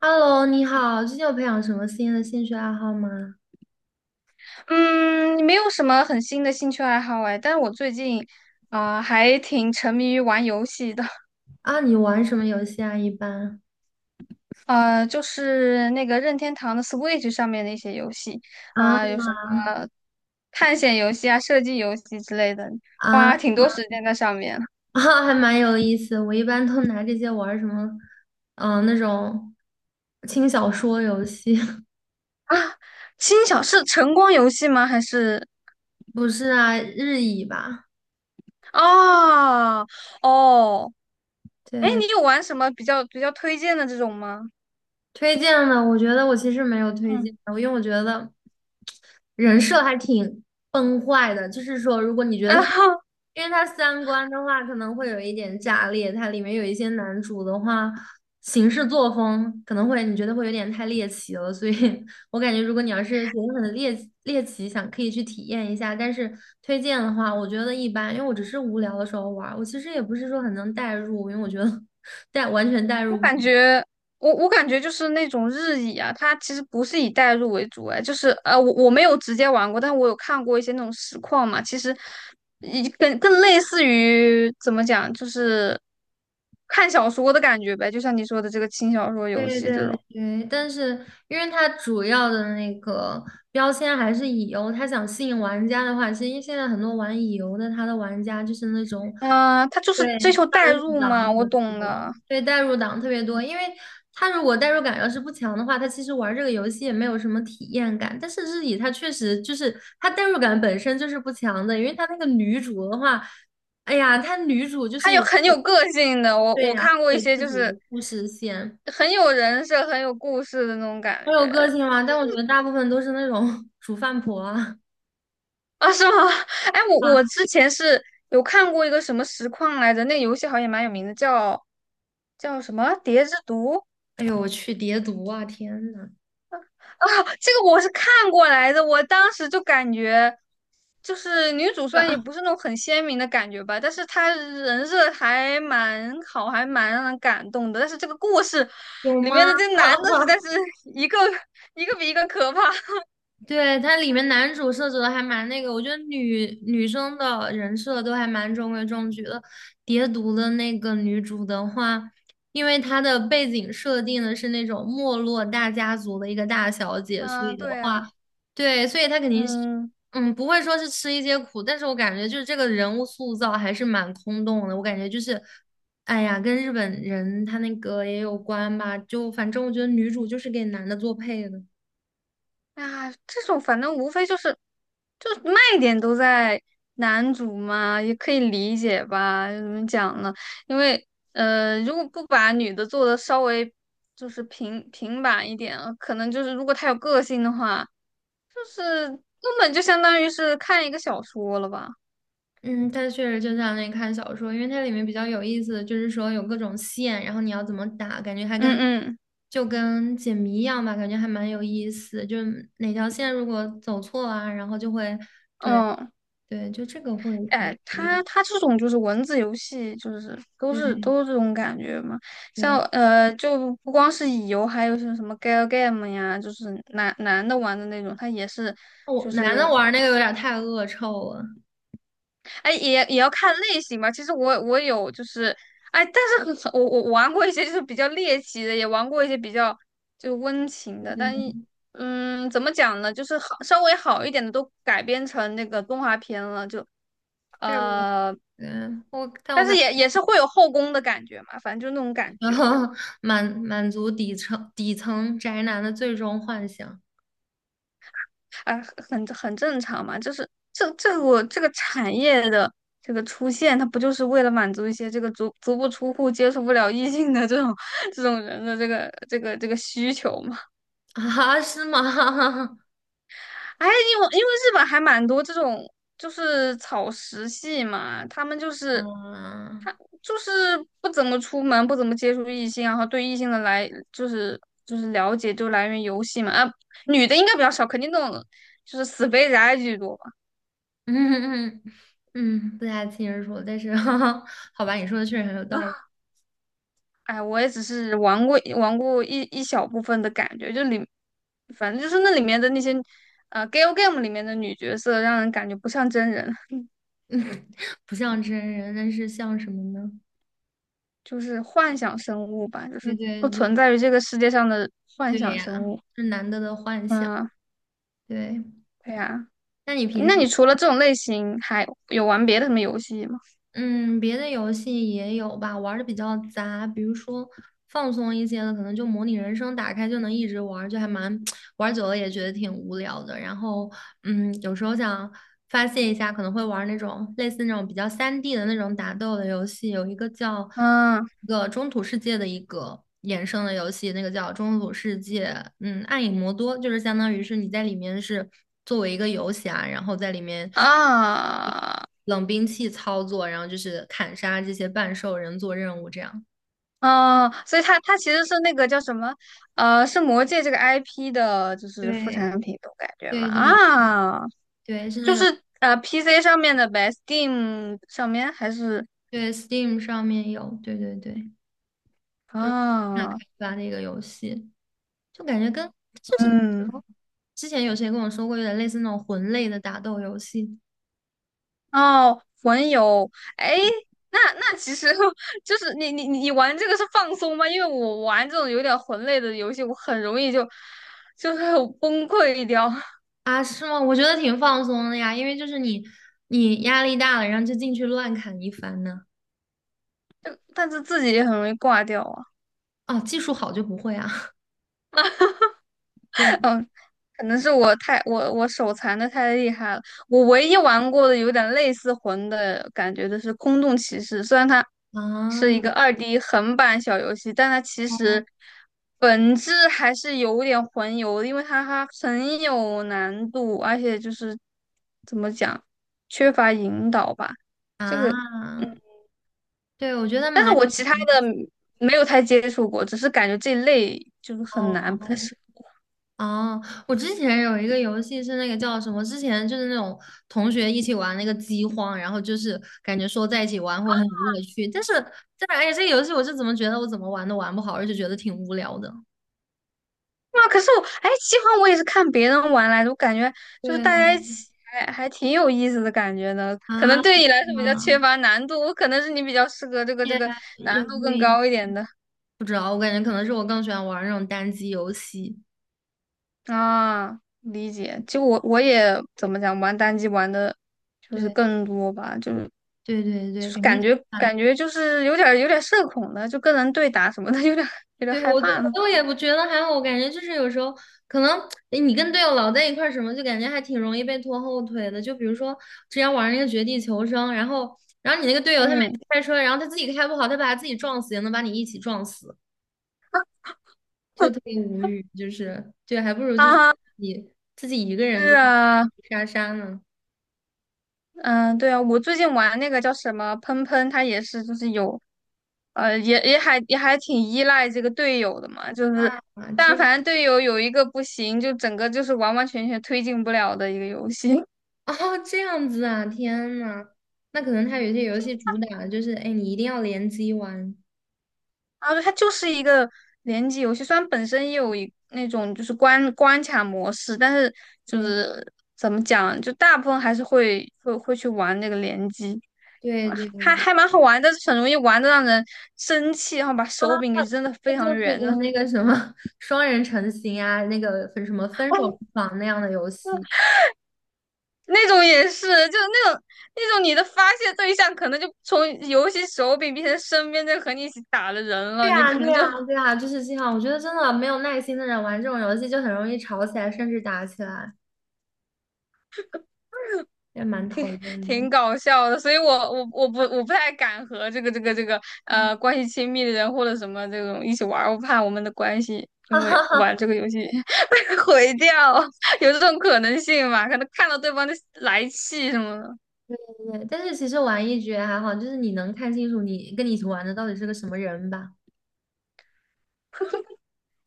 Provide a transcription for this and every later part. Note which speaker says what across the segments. Speaker 1: Hello，你好，最近有培养什么新的兴趣爱好吗？
Speaker 2: 嗯，没有什么很新的兴趣爱好哎，但是我最近，啊还挺沉迷于玩游戏的，
Speaker 1: 啊，你玩什么游戏啊？一般
Speaker 2: 就是那个任天堂的 Switch 上面的一些游戏，啊、
Speaker 1: 啊
Speaker 2: 有什么探险游戏啊、射击游戏之类的，
Speaker 1: 啊
Speaker 2: 花挺 多时间在上面
Speaker 1: 啊，还蛮有意思。我一般都拿这些玩儿什么，嗯、那种轻小说游戏，
Speaker 2: 啊。轻小是晨光游戏吗？还是
Speaker 1: 不是啊，日语吧？
Speaker 2: 哦哦，哎，
Speaker 1: 对，
Speaker 2: 你有玩什么比较推荐的这种吗？
Speaker 1: 推荐的，我觉得我其实没有推
Speaker 2: 嗯
Speaker 1: 荐的，因为我觉得人设还挺崩坏的。就是说，如果你觉
Speaker 2: 啊，
Speaker 1: 得 因为它三观的话可能会有一点炸裂，它里面有一些男主的话行事作风可能会你觉得会有点太猎奇了，所以 我感觉如果你要是觉得很猎奇，想可以去体验一下，但是推荐的话，我觉得一般，因为我只是无聊的时候玩儿我其实也不是说很能代入，因为我觉得 代完全代
Speaker 2: 我
Speaker 1: 入不
Speaker 2: 感觉，我感觉就是那种日乙啊，它其实不是以代入为主，哎，就是我没有直接玩过，但我有看过一些那种实况嘛，其实一更类似于怎么讲，就是看小说的感觉呗，就像你说的这个轻小说游
Speaker 1: 对
Speaker 2: 戏这
Speaker 1: 对
Speaker 2: 种，
Speaker 1: 对，但是因为它主要的那个标签还是乙游，它想吸引玩家的话，其实现在很多玩乙游的，他的玩家就是那种
Speaker 2: 嗯、他就是
Speaker 1: 对
Speaker 2: 追求代
Speaker 1: 代入
Speaker 2: 入
Speaker 1: 党很
Speaker 2: 嘛，我懂
Speaker 1: 多，
Speaker 2: 的，
Speaker 1: 对代入党特别多，因为他如果代入感要是不强的话，他其实玩这个游戏也没有什么体验感。但是日乙它确实就是它代入感本身就是不强的，因为它那个女主的话，哎呀，她女主就
Speaker 2: 他
Speaker 1: 是
Speaker 2: 有
Speaker 1: 也
Speaker 2: 很有个性的，我
Speaker 1: 对
Speaker 2: 我
Speaker 1: 呀、
Speaker 2: 看过一
Speaker 1: 有
Speaker 2: 些
Speaker 1: 自
Speaker 2: 就
Speaker 1: 己
Speaker 2: 是
Speaker 1: 的故事线。
Speaker 2: 很有人设、很有故事的那种
Speaker 1: 我
Speaker 2: 感
Speaker 1: 有个
Speaker 2: 觉，
Speaker 1: 性吗？但我觉得大部分都是那种 煮饭婆啊。
Speaker 2: 啊，是吗？哎，我之前是有看过一个什么实况来着，那个游戏好像也蛮有名的，叫什么《蝶之毒》
Speaker 1: 哎呦我去，叠毒啊！天呐，
Speaker 2: 啊。这个我是看过来的，我当时就感觉，就是女主虽然也不 是那种很鲜明的感觉吧，但是她人设还蛮好，还蛮让人感动的。但是这个故事
Speaker 1: 有
Speaker 2: 里面
Speaker 1: 吗？
Speaker 2: 的这男的实在是 一个一个比一个可怕。
Speaker 1: 对，它里面男主设置的还蛮那个，我觉得女生的人设都还蛮中规中矩的。蝶毒的那个女主的话，因为她的背景设定的是那种没落大家族的一个大小姐，所以
Speaker 2: 嗯，
Speaker 1: 的
Speaker 2: 对啊，
Speaker 1: 话，对，所以她肯定是，
Speaker 2: 嗯。
Speaker 1: 嗯，不会说是吃一些苦，但是我感觉就是这个人物塑造还是蛮空洞的，我感觉就是，哎呀，跟日本人他那个也有关吧，就反正我觉得女主就是给男的做配的。
Speaker 2: 啊，这种反正无非就是卖点都在男主嘛，也可以理解吧？怎么讲呢？因为如果不把女的做的稍微就是平平板一点，可能就是如果她有个性的话，就是根本就相当于是看一个小说了吧？
Speaker 1: 嗯，它确实就像那看小说，因为它里面比较有意思的就是说有各种线，然后你要怎么打，感觉还
Speaker 2: 嗯
Speaker 1: 跟
Speaker 2: 嗯
Speaker 1: 就跟解谜一样吧，感觉还蛮有意思。就是哪条线如果走错啊，然后就会，对
Speaker 2: 嗯。
Speaker 1: 对，就这个会比较
Speaker 2: 哎，
Speaker 1: 有意思
Speaker 2: 它这种就是文字游戏，就是都
Speaker 1: 对
Speaker 2: 是都是这种感觉嘛。像
Speaker 1: 对，
Speaker 2: 就不光是乙游，还有像什么 Gal Game 呀，就是男男的玩的那种，它也是
Speaker 1: 我
Speaker 2: 就
Speaker 1: 男的
Speaker 2: 是
Speaker 1: 玩那个有点太恶臭了。
Speaker 2: 哎，也要看类型吧。其实我有就是，哎，但是很我玩过一些就是比较猎奇的，也玩过一些比较就温情的，但
Speaker 1: 对，
Speaker 2: 一嗯，怎么讲呢？就是好稍微好一点的都改编成那个动画片了，就
Speaker 1: 对。个
Speaker 2: 呃，
Speaker 1: 嗯但我
Speaker 2: 但
Speaker 1: 感
Speaker 2: 是也
Speaker 1: 觉
Speaker 2: 也是会有后宫的感觉嘛，反正就那种感觉。
Speaker 1: 满足底层宅男的最终幻想
Speaker 2: 啊，很正常嘛，就是这我这个产业的这个出现，它不就是为了满足一些这个足足不出户、接触不了异性的这种这种人的这个需求嘛？
Speaker 1: 啊，是吗？
Speaker 2: 哎，因为日本还蛮多这种就是草食系嘛，他们就是
Speaker 1: 啊。
Speaker 2: 就是不怎么出门，不怎么接触异性，然后对异性的来就是了解就来源游戏嘛，啊，女的应该比较少，肯定那种就是死肥宅居多吧。
Speaker 1: 嗯嗯嗯，不太清楚，但是 好吧，你说的确实很有道理，
Speaker 2: 哎，我也只是玩过一小部分的感觉，就里，反正就是那里面的那些，Gal Game 里面的女角色，让人感觉不像真人，
Speaker 1: 不像真人，但是像什么呢？
Speaker 2: 就是幻想生物吧，就
Speaker 1: 对
Speaker 2: 是
Speaker 1: 对
Speaker 2: 不存
Speaker 1: 对
Speaker 2: 在于这个世界上的幻
Speaker 1: 对
Speaker 2: 想生
Speaker 1: 呀，
Speaker 2: 物。
Speaker 1: 是难得的幻想。
Speaker 2: 嗯，
Speaker 1: 对，
Speaker 2: 对呀。
Speaker 1: 那你平
Speaker 2: 那你
Speaker 1: 时
Speaker 2: 除了这种类型，还有玩别的什么游戏吗？
Speaker 1: 嗯，别的游戏也有吧，玩的比较杂，比如说放松一些的，可能就模拟人生，打开就能一直玩儿就还蛮 玩久了也觉得挺无聊的。然后，嗯，有时候想发泄一下，可能会玩儿那种类似那种比较3D 的那种打斗的游戏，有一个叫
Speaker 2: 嗯
Speaker 1: 一个中土世界的一个衍生的游戏，那个叫中土世界，嗯，暗影魔多，就是相当于是你在里面是作为一个游侠，然后在里面。
Speaker 2: 啊
Speaker 1: 冷兵器操作，然后就是砍杀这些半兽人做任务这样。
Speaker 2: 啊，所以它其实是那个叫什么，是魔界这个 IP 的，就是副
Speaker 1: 对
Speaker 2: 产品，我感觉嘛
Speaker 1: 对对
Speaker 2: 啊。
Speaker 1: 对，是那
Speaker 2: 就
Speaker 1: 个
Speaker 2: 是PC 上面的呗，Steam 上面还是
Speaker 1: 对 Steam 上面有，对对对，就是那开
Speaker 2: 啊，
Speaker 1: 发的一个游戏，就感觉跟就是
Speaker 2: 嗯，
Speaker 1: 哦之前有谁跟我说过，有点类似那种魂类的打斗游戏
Speaker 2: 哦，魂游，哎，那其实 就是你玩这个是放松吗？因为我玩这种有点魂类的游戏，我很容易就是崩溃掉，
Speaker 1: 啊？是吗？我觉得挺放松的呀，因为就是你压力大了，然后就进去乱砍一番呢。
Speaker 2: 但是自己也很容易挂掉啊。
Speaker 1: 哦，技术好就不会啊？对
Speaker 2: 可能是我手残的太厉害了。我唯一玩过的有点类似魂的感觉的是《空洞骑士》，虽然它是
Speaker 1: 啊
Speaker 2: 一个 2D 横版小游戏，但它其实本质还是有点魂游的因为它很有难度，而且就是怎么讲，缺乏引导吧。
Speaker 1: 啊，
Speaker 2: 这个，
Speaker 1: 啊对，我觉得
Speaker 2: 但是
Speaker 1: 蛮
Speaker 2: 我
Speaker 1: 有
Speaker 2: 其他
Speaker 1: 意
Speaker 2: 的
Speaker 1: 思。
Speaker 2: 没有太接触过，只是感觉这类就是很
Speaker 1: 哦
Speaker 2: 难，不太适
Speaker 1: 哦，我之前有一个游戏是那个叫什么？之前就是那种同学一起玩那个饥荒，然后就是感觉说在一起玩会很有乐趣，但是但是哎呀，这个游戏我是怎么觉得我怎么玩都玩不好，而且觉得挺无聊的。
Speaker 2: 哇，可是我，哎，饥荒我也是看别人玩来的，我感觉
Speaker 1: 对
Speaker 2: 就是大家一起还挺有意思的感觉呢。可
Speaker 1: 啊，
Speaker 2: 能对
Speaker 1: 啊
Speaker 2: 你来说比较缺乏难度，我可能是你比较适合这个这
Speaker 1: 也
Speaker 2: 个难
Speaker 1: 也
Speaker 2: 度
Speaker 1: 不
Speaker 2: 更
Speaker 1: 一
Speaker 2: 高一点的
Speaker 1: 不知道，我感觉可能是我更喜欢玩那种单机游戏。
Speaker 2: 啊。理解，就我也怎么讲，玩单机玩的就是
Speaker 1: 对
Speaker 2: 更多吧，就是
Speaker 1: 对对
Speaker 2: 就
Speaker 1: 对，
Speaker 2: 是
Speaker 1: 感觉。
Speaker 2: 感觉就是有点儿社恐的，就跟人对打什么的，有点儿
Speaker 1: 对，
Speaker 2: 害
Speaker 1: 我都
Speaker 2: 怕
Speaker 1: 我
Speaker 2: 了。
Speaker 1: 都也不觉得还好，我感觉就是有时候可能诶你跟队友老在一块儿什么，就感觉还挺容易被拖后腿的。就比如说之前玩那个绝地求生，然后你那个队友他每
Speaker 2: 嗯
Speaker 1: 次开车，然后他自己开不好，他把他自己撞死，也能把你一起撞死，就特 别无语。就是对，还不如就是
Speaker 2: 啊，
Speaker 1: 你自己一个人
Speaker 2: 是
Speaker 1: 在
Speaker 2: 啊。
Speaker 1: 杀杀呢。
Speaker 2: 嗯，对啊，我最近玩那个叫什么喷喷，它也是就是有，也还挺依赖这个队友的嘛，就是
Speaker 1: 啊，
Speaker 2: 但
Speaker 1: 这
Speaker 2: 凡队友有一个不行，就整个就是完完全全推进不了的一个游戏。
Speaker 1: 哦这样子啊，天呐，那可能他有些游戏主打的就是哎，你一定要联机玩。
Speaker 2: 啊，后它就是一个联机游戏，虽然本身也有一那种就是关卡模式，但是就
Speaker 1: 对
Speaker 2: 是怎么讲，就大部分还是会去玩那个联机。
Speaker 1: 对对对
Speaker 2: 还
Speaker 1: 对。
Speaker 2: 还蛮好玩，但是很容易玩的让人生气，然后把手柄给扔的非
Speaker 1: 那
Speaker 2: 常
Speaker 1: 就是
Speaker 2: 远，
Speaker 1: 跟那个什么双人成行啊，那个分什么分手厨房那样的游戏。
Speaker 2: 那种也是，就是那种你的发泄对象可能就从游戏手柄变成身边在和你一起打的人
Speaker 1: 对
Speaker 2: 了，你
Speaker 1: 呀，
Speaker 2: 可
Speaker 1: 对
Speaker 2: 能
Speaker 1: 呀，
Speaker 2: 就
Speaker 1: 对呀，就是这样。我觉得真的没有耐心的人玩这种游戏就很容易吵起来，甚至打起来，也蛮讨 厌
Speaker 2: 挺
Speaker 1: 的。
Speaker 2: 搞笑的。所以我不我不太敢和这个
Speaker 1: 嗯
Speaker 2: 关系亲密的人或者什么这种一起玩儿我怕我们的关系因为玩这个游戏 被毁掉，有这种可能性嘛？可能看到对方就来气什么的，
Speaker 1: 对，但是其实玩一局还好，就是你能看清楚你跟你一起玩的到底是个什么人吧。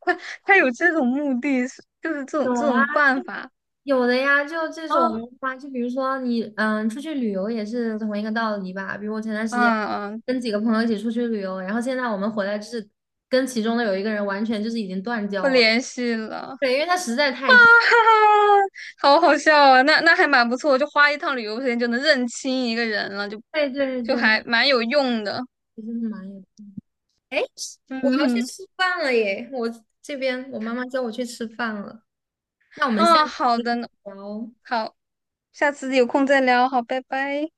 Speaker 2: 他他有这种目的，就是这种
Speaker 1: 有
Speaker 2: 这
Speaker 1: 啊。
Speaker 2: 种办法
Speaker 1: 有的呀，就这
Speaker 2: 啊，
Speaker 1: 种的话，就比如说你，嗯，出去旅游也是同一个道理吧。比如我前段时
Speaker 2: 嗯
Speaker 1: 间
Speaker 2: 嗯，
Speaker 1: 跟几个朋友一起出去旅游，然后现在我们回来就是跟其中的有一个人完全就是已经断
Speaker 2: 不
Speaker 1: 交了，
Speaker 2: 联系了。
Speaker 1: 对，因为他实在太，
Speaker 2: 哈哈，好好笑啊！那还蛮不错，就花一趟旅游时间就能认清一个人了，就
Speaker 1: 对对
Speaker 2: 就还
Speaker 1: 对，
Speaker 2: 蛮有用的。
Speaker 1: 其实是蛮有。哎，
Speaker 2: 嗯
Speaker 1: 我要去
Speaker 2: 哼，
Speaker 1: 吃饭了耶，我这边我妈妈叫我去吃饭了，那我们下
Speaker 2: 啊，
Speaker 1: 次
Speaker 2: 好的呢，
Speaker 1: 再聊。
Speaker 2: 好，下次有空再聊，好，拜拜。